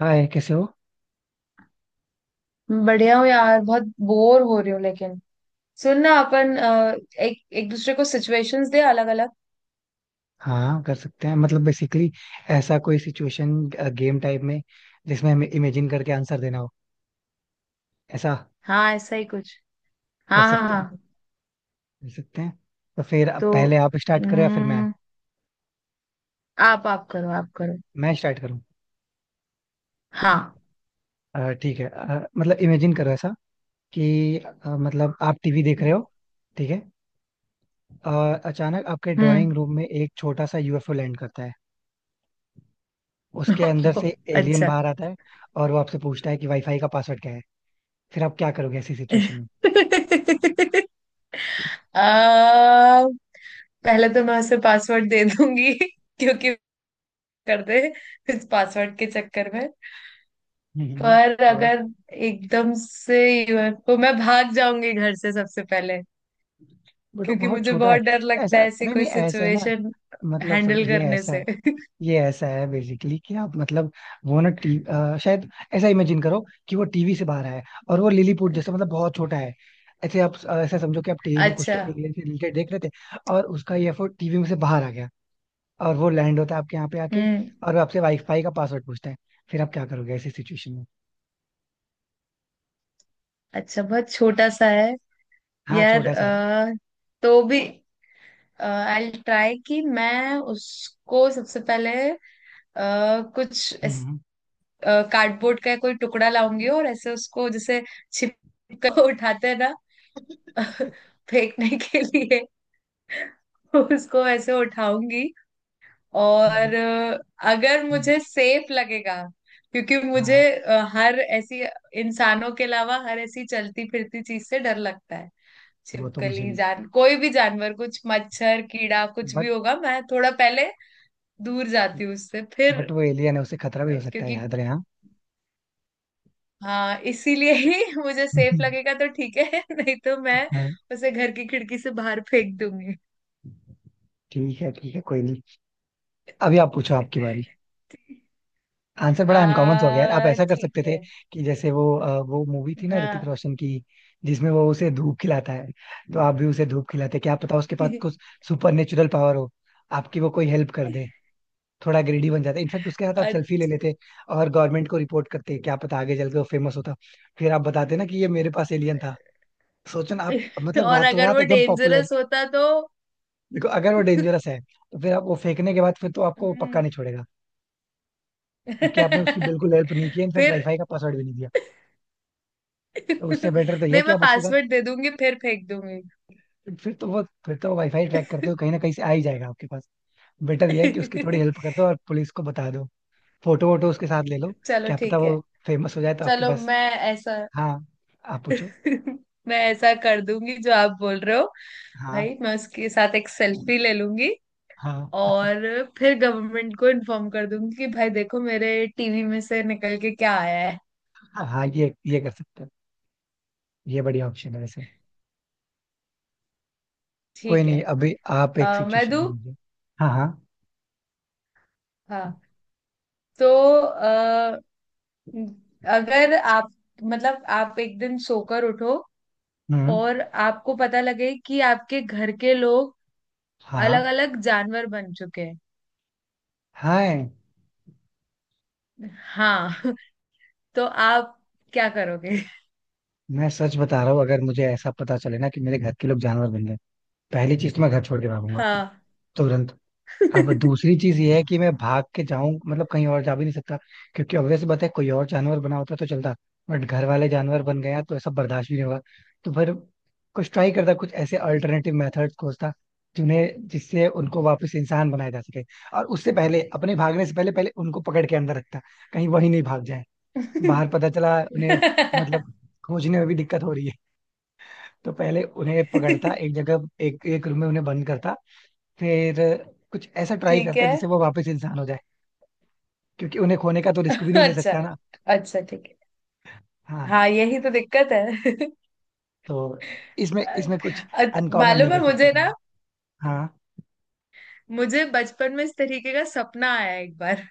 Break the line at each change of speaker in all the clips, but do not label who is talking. हाँ, ये कैसे हो?
बढ़िया हूँ यार। बहुत बोर हो रही हूँ लेकिन सुन ना अपन एक एक दूसरे को सिचुएशंस दे अलग अलग।
हाँ, कर सकते हैं। मतलब बेसिकली, ऐसा कोई सिचुएशन गेम टाइप में जिसमें हमें इमेजिन करके आंसर देना हो, ऐसा?
हाँ, ऐसा ही कुछ।
कर
हाँ हाँ
सकते
हाँ।
हैं, कर सकते हैं। तो फिर अब
तो
पहले आप स्टार्ट करो या फिर मैं
हम्म, आप करो आप करो।
मैं स्टार्ट करूँ?
हाँ।
ठीक है। मतलब इमेजिन करो ऐसा कि मतलब आप टीवी देख रहे हो, ठीक है? और अचानक आपके
हम्म।
ड्राइंग रूम में एक छोटा सा यूएफओ लैंड करता है। उसके अंदर से एलियन
अच्छा।
बाहर आता है और वो आपसे पूछता है कि वाईफाई का पासवर्ड क्या है। फिर आप क्या करोगे ऐसी सिचुएशन में?
आ, पहले तो मैं उसे पासवर्ड दे दूंगी। क्योंकि करते इस पासवर्ड के चक्कर में।
हम्म। हम्म।
पर अगर एकदम से यूएफओ मैं भाग जाऊंगी घर से सबसे पहले।
बट वो
क्योंकि
बहुत
मुझे
छोटा है।
बहुत डर
ऐसा
लगता है ऐसी
नहीं
कोई
नहीं, ऐसा है ना।
सिचुएशन
मतलब सब
हैंडल
ये
करने
ऐसा है,
से।
ये ऐसा है बेसिकली कि आप मतलब, वो ना शायद ऐसा इमेजिन करो कि वो टीवी से बाहर है और वो लिलीपुट जैसा मतलब बहुत छोटा है। ऐसे आप ऐसा समझो कि आप टीवी में कुछ तो
अच्छा।
एलियन से रिलेटेड देख रहे थे और उसका ये एफर्ट टीवी में से बाहर आ गया और वो लैंड होता है आपके यहाँ पे आके।
हम्म।
और वो आपसे वाईफाई का पासवर्ड पूछता है। फिर आप क्या करोगे ऐसी सिचुएशन में?
अच्छा बहुत छोटा सा है
हाँ,
यार।
छोटा सा है।
तो भी आई विल ट्राई कि मैं उसको सबसे पहले कुछ
हम्म।
कार्डबोर्ड का कोई टुकड़ा लाऊंगी और ऐसे उसको जैसे छिप कर उठाते हैं ना। फेंकने के लिए उसको ऐसे उठाऊंगी। और
हाँ।
अगर
हम्म।
मुझे सेफ लगेगा। क्योंकि मुझे
हाँ।
हर ऐसी इंसानों के अलावा हर ऐसी चलती फिरती चीज से डर लगता है।
वो तो मुझे
छिपकली
भी।
जान कोई भी जानवर, कुछ मच्छर कीड़ा कुछ
बट
भी होगा, मैं थोड़ा पहले दूर जाती हूँ उससे फिर।
बट वो एलियन है, उसे खतरा भी हो सकता है,
क्योंकि
याद रहे। हाँ।
हाँ इसीलिए ही मुझे सेफ लगेगा तो ठीक है। नहीं तो मैं
हाँ,
उसे घर की खिड़की से बाहर फेंक दूंगी।
ठीक है, ठीक है, कोई नहीं। अभी आप पूछो, आपकी बारी। आंसर बड़ा अनकॉमन सा हो गया यार। आप
आ
ऐसा कर
ठीक
सकते थे
है।
कि जैसे वो वो मूवी थी ना ऋतिक
हाँ।
रोशन की जिसमें वो उसे धूप खिलाता है, तो आप भी उसे धूप खिलाते। क्या पता उसके पास कुछ सुपर नेचुरल पावर हो, आपकी वो कोई हेल्प कर दे। थोड़ा ग्रेडी बन जाता, इनफैक्ट उसके साथ आप
अ-
सेल्फी ले लेते और गवर्नमेंट को रिपोर्ट करते। क्या पता आगे चल के वो फेमस होता, फिर आप बताते ना कि ये मेरे पास एलियन था। सोचो ना, आप मतलब
और
रातों
अगर
रात
वो
एकदम।
डेंजरस होता तो।
देखो, अगर वो डेंजरस है तो फिर आप वो फेंकने के बाद फिर तो आपको वो पक्का
हम्म।
नहीं छोड़ेगा क्योंकि आपने उसकी बिल्कुल हेल्प नहीं की, इनफैक्ट वाईफाई
फिर
का पासवर्ड भी नहीं दिया। तो उससे बेटर तो ये है
नहीं,
कि
मैं
आप उसके साथ,
पासवर्ड दे दूंगी फिर फेंक दूंगी।
फिर तो वो वाईफाई ट्रैक करते हो कहीं ना कहीं से आ ही जाएगा आपके पास। बेटर ये है कि उसकी थोड़ी हेल्प कर दो और पुलिस को बता दो, फोटो वोटो उसके साथ ले लो।
चलो
क्या पता
ठीक है।
वो फेमस हो जाए तो आपके
चलो
पास।
मैं ऐसा
हाँ, आप पूछो।
मैं ऐसा कर दूंगी जो आप बोल रहे हो।
हाँ,
भाई मैं उसके साथ एक सेल्फी ले लूंगी।
हाँ,
और फिर गवर्नमेंट को इन्फॉर्म कर दूंगी कि भाई देखो मेरे टीवी में से निकल के क्या आया है।
हाँ। हाँ, ये कर सकते हो। ये बढ़िया ऑप्शन है वैसे। कोई
ठीक है।
नहीं, अभी आप एक
मैं
सिचुएशन
दूं?
दीजिए। हाँ, हाँ।
हाँ। तो अ, अगर आप मतलब आप एक दिन सोकर उठो,
हम्म।
और आपको पता लगे कि आपके घर के लोग अलग
हाँ,
अलग जानवर बन चुके हैं।
हाँ।
हाँ। तो आप क्या करोगे?
मैं सच बता रहा हूँ, अगर मुझे ऐसा पता चले ना कि मेरे घर के लोग जानवर बन गए, पहली चीज तो मैं घर छोड़ के भागूंगा
हाँ।
तुरंत। अब दूसरी चीज ये है कि मैं भाग के जाऊं मतलब कहीं और जा भी नहीं सकता क्योंकि ऑब्वियस बात है, कोई और जानवर बना होता तो चलता, बट घर वाले जानवर बन गया तो ऐसा बर्दाश्त भी नहीं होगा। तो फिर कुछ ट्राई करता, कुछ ऐसे अल्टरनेटिव मेथड्स खोजता जिन्हें जिससे उनको वापस इंसान बनाया जा सके। और उससे पहले, अपने भागने से पहले पहले उनको पकड़ के अंदर रखता कहीं वही नहीं भाग जाए बाहर, पता चला उन्हें। मतलब खोजने में भी दिक्कत हो रही है। तो पहले उन्हें पकड़ता, एक जगह एक एक रूम में उन्हें बंद करता। फिर कुछ ऐसा ट्राई
ठीक
करता
है।
जिससे वो वापस इंसान हो जाए क्योंकि उन्हें खोने का तो रिस्क भी नहीं ले
अच्छा।
सकता ना।
अच्छा ठीक है।
हाँ,
हाँ यही तो दिक्कत है।
तो इसमें इसमें कुछ
अ-
अनकॉमन नहीं
मालूम है
कर सकता
मुझे
था
ना,
मैं। हाँ,
मुझे बचपन में इस तरीके का सपना आया एक बार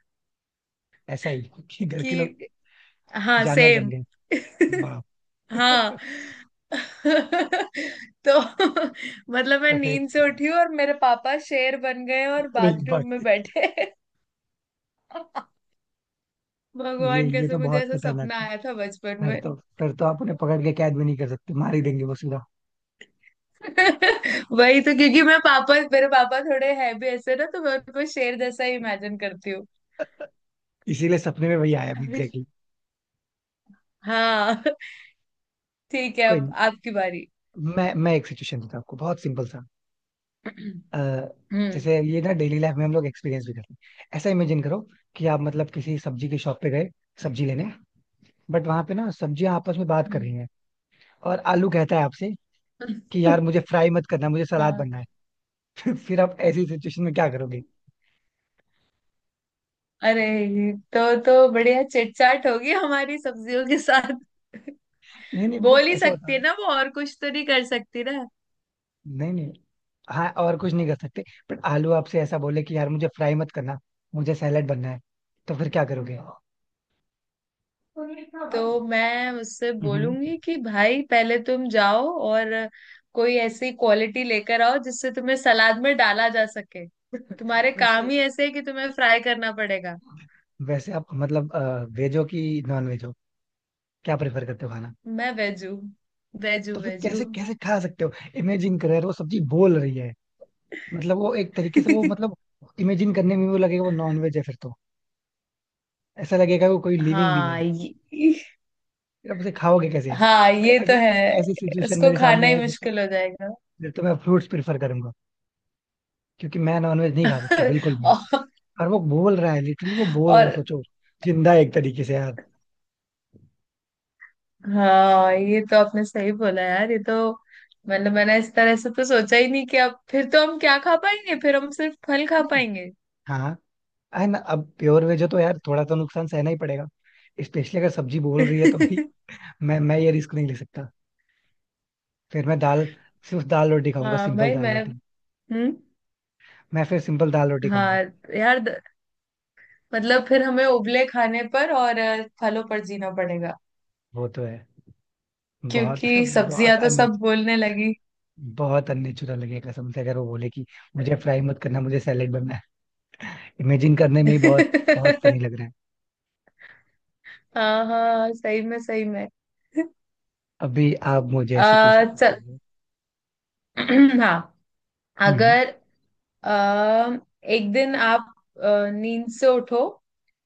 ऐसा ही, कि घर
कि।
के लोग
हाँ
जानवर बन
सेम।
गए। वाह।
हाँ। तो मतलब मैं
तो फिर,
नींद से उठी हूँ और मेरे पापा शेर बन गए और
अरे भाई,
बाथरूम में बैठे। भगवान
ये तो
कैसे मुझे
बहुत
ऐसा
खतरनाक
सपना
है।
आया था बचपन
फिर
में।
तो, फिर तो आप उन्हें पकड़ के कैद भी नहीं कर सकते, मार ही देंगे वो सीधा।
वही तो, क्योंकि मैं पापा मेरे पापा थोड़े है भी ऐसे ना, तो मैं उनको शेर जैसा ही इमेजिन करती हूँ।
इसीलिए सपने में वही आया भी एग्जैक्टली।
हाँ ठीक है
कोई
अब
नहीं,
आपकी बारी।
मैं एक सिचुएशन देता हूँ आपको बहुत सिंपल सा। अ,
हम्म।
जैसे ये ना डेली लाइफ में हम लोग एक्सपीरियंस भी करते हैं। ऐसा इमेजिन करो कि आप मतलब किसी सब्जी की शॉप पे गए सब्जी लेने, बट वहां पे ना सब्जियां आपस में बात
हम्म।
कर रही हैं और आलू कहता है आपसे कि यार मुझे फ्राई मत करना, मुझे सलाद
हाँ।
बनना है। फिर आप ऐसी सिचुएशन में क्या करोगे?
अरे, तो बढ़िया चिटचाट होगी हमारी सब्जियों के साथ।
नहीं नहीं,
बोल
बट
ही
ऐसा
सकती
बताओ
है
ना।
ना वो, और कुछ तो नहीं कर सकती ना।
नहीं नहीं, हाँ और कुछ नहीं कर सकते। बट आलू आपसे ऐसा बोले कि यार मुझे फ्राई मत करना, मुझे सैलेड बनना है, तो फिर क्या करोगे?
तो मैं उससे
हम्म।
बोलूंगी कि भाई पहले तुम जाओ और कोई ऐसी क्वालिटी लेकर आओ जिससे तुम्हें सलाद में डाला जा सके। तुम्हारे
वैसे,
काम ही ऐसे है कि तुम्हें फ्राई करना पड़ेगा।
वैसे आप मतलब, वेजो की नॉन वेज, क्या प्रेफर करते हो खाना?
मैं वेजू। वेजू
तो फिर
वेजू।
कैसे, कैसे खा सकते हो? इमेजिन करो यार, वो सब्जी बोल रही है। मतलब वो एक तरीके से, वो मतलब इमेजिन करने में वो लगेगा वो नॉन वेज है, फिर तो ऐसा लगेगा वो कोई लिविंग बींग
हाँ
है।
ये
फिर आप उसे खाओगे कैसे
हाँ
भाई,
ये तो है।
अगर ऐसी सिचुएशन
उसको
मेरे
खाना
सामने
ही
आए फिर तो,
मुश्किल हो जाएगा।
फिर तो मैं फ्रूट्स प्रेफर करूंगा क्योंकि मैं नॉन वेज नहीं खा सकता बिल्कुल भी।
और,
और वो बोल रहा है लिटरली, वो बोल रहा है,
और
सोचो, जिंदा है एक तरीके से यार।
हाँ, ये तो आपने सही बोला यार, ये तो मतलब मैंने इस तरह से तो सोचा ही नहीं कि अब फिर तो हम क्या खा पाएंगे, फिर हम सिर्फ फल खा
नहीं,
पाएंगे।
हाँ, है ना, अब प्योर वेज हो तो यार थोड़ा तो नुकसान सहना ही पड़ेगा। स्पेशली अगर सब्जी बोल रही है तो भाई मैं ये रिस्क नहीं ले सकता। फिर मैं दाल, सिर्फ दाल रोटी खाऊंगा,
हाँ
सिंपल
भाई
दाल
मैं।
रोटी।
हम्म।
मैं फिर सिंपल दाल रोटी खाऊंगा।
हाँ यार, मतलब फिर हमें उबले खाने पर और फलों पर जीना पड़ेगा,
वो तो है। बहुत
क्योंकि
बहुत
सब्जियां तो
अन्य,
सब बोलने लगी।
बहुत अननेचुरल लगेगा कसम से अगर वो बोले कि मुझे फ्राई मत करना, मुझे सैलेड बनना है। इमेजिन करने में ही बहुत बहुत फनी लग रहा है।
हाँ हाँ, सही में सही में।
अभी आप मुझे ऐसी कोई
चल।
सिचुएशन।
हाँ।
हम्म।
अगर एक दिन आप नींद से उठो,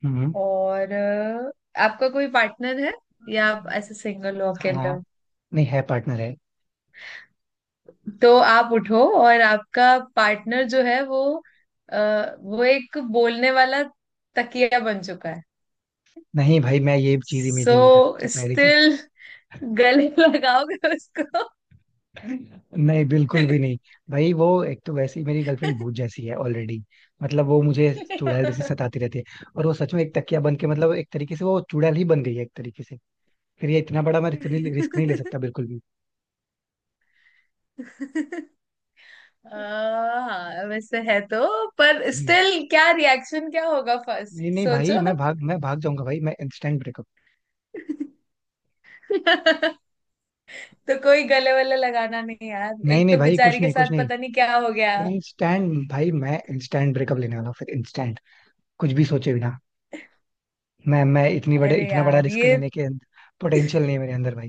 हम्म।
और आपका कोई पार्टनर है, या आप ऐसे सिंगल हो
हाँ,
अकेले हो,
हाँ। नहीं है, पार्टनर है।
तो आप उठो और आपका पार्टनर जो है वो, वो एक बोलने वाला तकिया बन चुका है।
नहीं भाई, मैं ये चीज
सो
इमेजिन नहीं कर सकता, पहली चीज।
स्टिल गले लगाओगे उसको?
नहीं, बिल्कुल भी नहीं। भाई, वो एक तो वैसे ही मेरी गर्लफ्रेंड भूत जैसी है ऑलरेडी। मतलब वो मुझे चुड़ैल जैसी सताती रहती है और वो सच में एक तकिया बन के मतलब एक तरीके से वो चुड़ैल ही बन गई है एक तरीके से। फिर ये इतना बड़ा मैं रिस्क नहीं ले सकता बिल्कुल भी।
आ, हाँ वैसे है तो, पर
हम्म।
स्टिल क्या रिएक्शन क्या होगा फर्स्ट
नहीं नहीं भाई,
सोचो।
मैं भाग जाऊंगा, भाई मैं इंस्टेंट ब्रेकअप।
तो कोई गले वले लगाना नहीं यार,
नहीं
एक
नहीं
तो
भाई, कुछ
बेचारी के
नहीं कुछ
साथ
नहीं।
पता नहीं क्या हो गया।
इंस्टेंट, भाई मैं इंस्टेंट ब्रेकअप लेने वाला हूँ फिर इंस्टेंट, कुछ भी सोचे बिना। मैं इतनी बड़े
अरे
इतना बड़ा
यार
रिस्क
ये।
लेने के पोटेंशियल नहीं है मेरे अंदर भाई।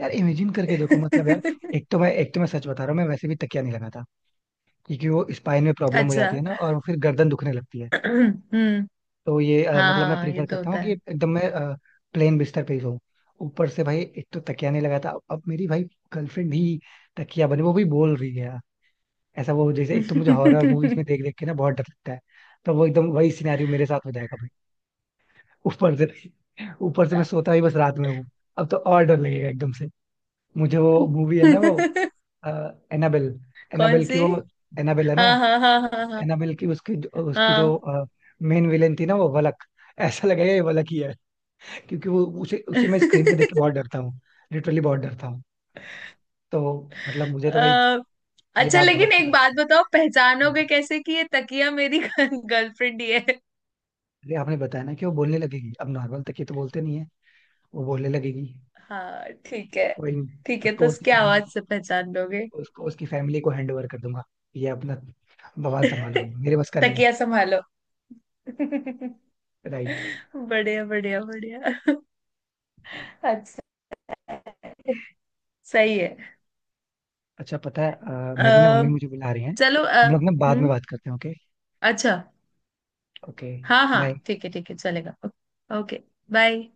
यार इमेजिन करके देखो मतलब यार, एक तो मैं सच बता रहा हूँ, मैं वैसे भी तकिया नहीं लगाता क्योंकि वो स्पाइन में प्रॉब्लम हो
अच्छा।
जाती है ना, और फिर गर्दन दुखने लगती है।
हम्म।
तो ये
हाँ
मतलब
हाँ
मैं
हाँ, ये
प्रीफर
तो
करता हूँ
होता
कि
है।
एकदम मैं प्लेन बिस्तर पे ही सोऊं। ऊपर से भाई, एक तो तकिया नहीं लगाता, अब मेरी भाई गर्लफ्रेंड ही तकिया बने, वो भी बोल रही है यार। ऐसा वो जैसे, एक तो मुझे हॉरर मूवीज में देख देख के ना बहुत डर लगता है, तो वो एकदम वही सिनेरियो मेरे साथ हो जाएगा भाई। ऊपर से ऊपर से मैं सोता ही बस रात में हूँ, अब तो और डर लगेगा एकदम से। मुझे वो मूवी है ना वो, एनाबेल,
कौन
एनाबेल की
सी?
वो, एनाबेल है ना,
हाँ हाँ हाँ हाँ हाँ
एनाबेल की उसकी, उसकी जो
हाँ।
मेन विलेन थी ना वो वलक, ऐसा लगा ये वलक ही है। क्योंकि वो उसे उसे मैं स्क्रीन पे देख के बहुत डरता हूँ, लिटरली बहुत डरता हूँ। तो मतलब मुझे तो भाई,
अ,
ये
अच्छा,
रात बहुत
लेकिन एक
खतरनाक
बात
हुई।
बताओ,
हाँ।
पहचानोगे कैसे कि ये तकिया मेरी गर्लफ्रेंड ही है?
अरे आपने बताया ना कि वो बोलने लगेगी, अब नॉर्मल तक ये तो बोलते नहीं है, वो बोलने लगेगी।
हाँ ठीक है।
कोई नहीं।
ठीक है तो
उसको उसकी
उसकी
फैमिली
आवाज
को
से पहचान लोगे।
उसको उसकी फैमिली को हैंड ओवर कर दूंगा। ये अपना बवाल संभालो भाई, मेरे बस का नहीं है।
तकिया संभालो।
राइट।
बढ़िया बढ़िया बढ़िया। अच्छा। सही है।
अच्छा पता है, मेरी ना
अ,
मम्मी मुझे बुला रही हैं,
चलो।
हम लोग ना बाद में
हम्म।
बात करते हैं, ओके?
अच्छा।
ओके।
हाँ
बाय।
हाँ ठीक है, ठीक है चलेगा। ओके। बाय।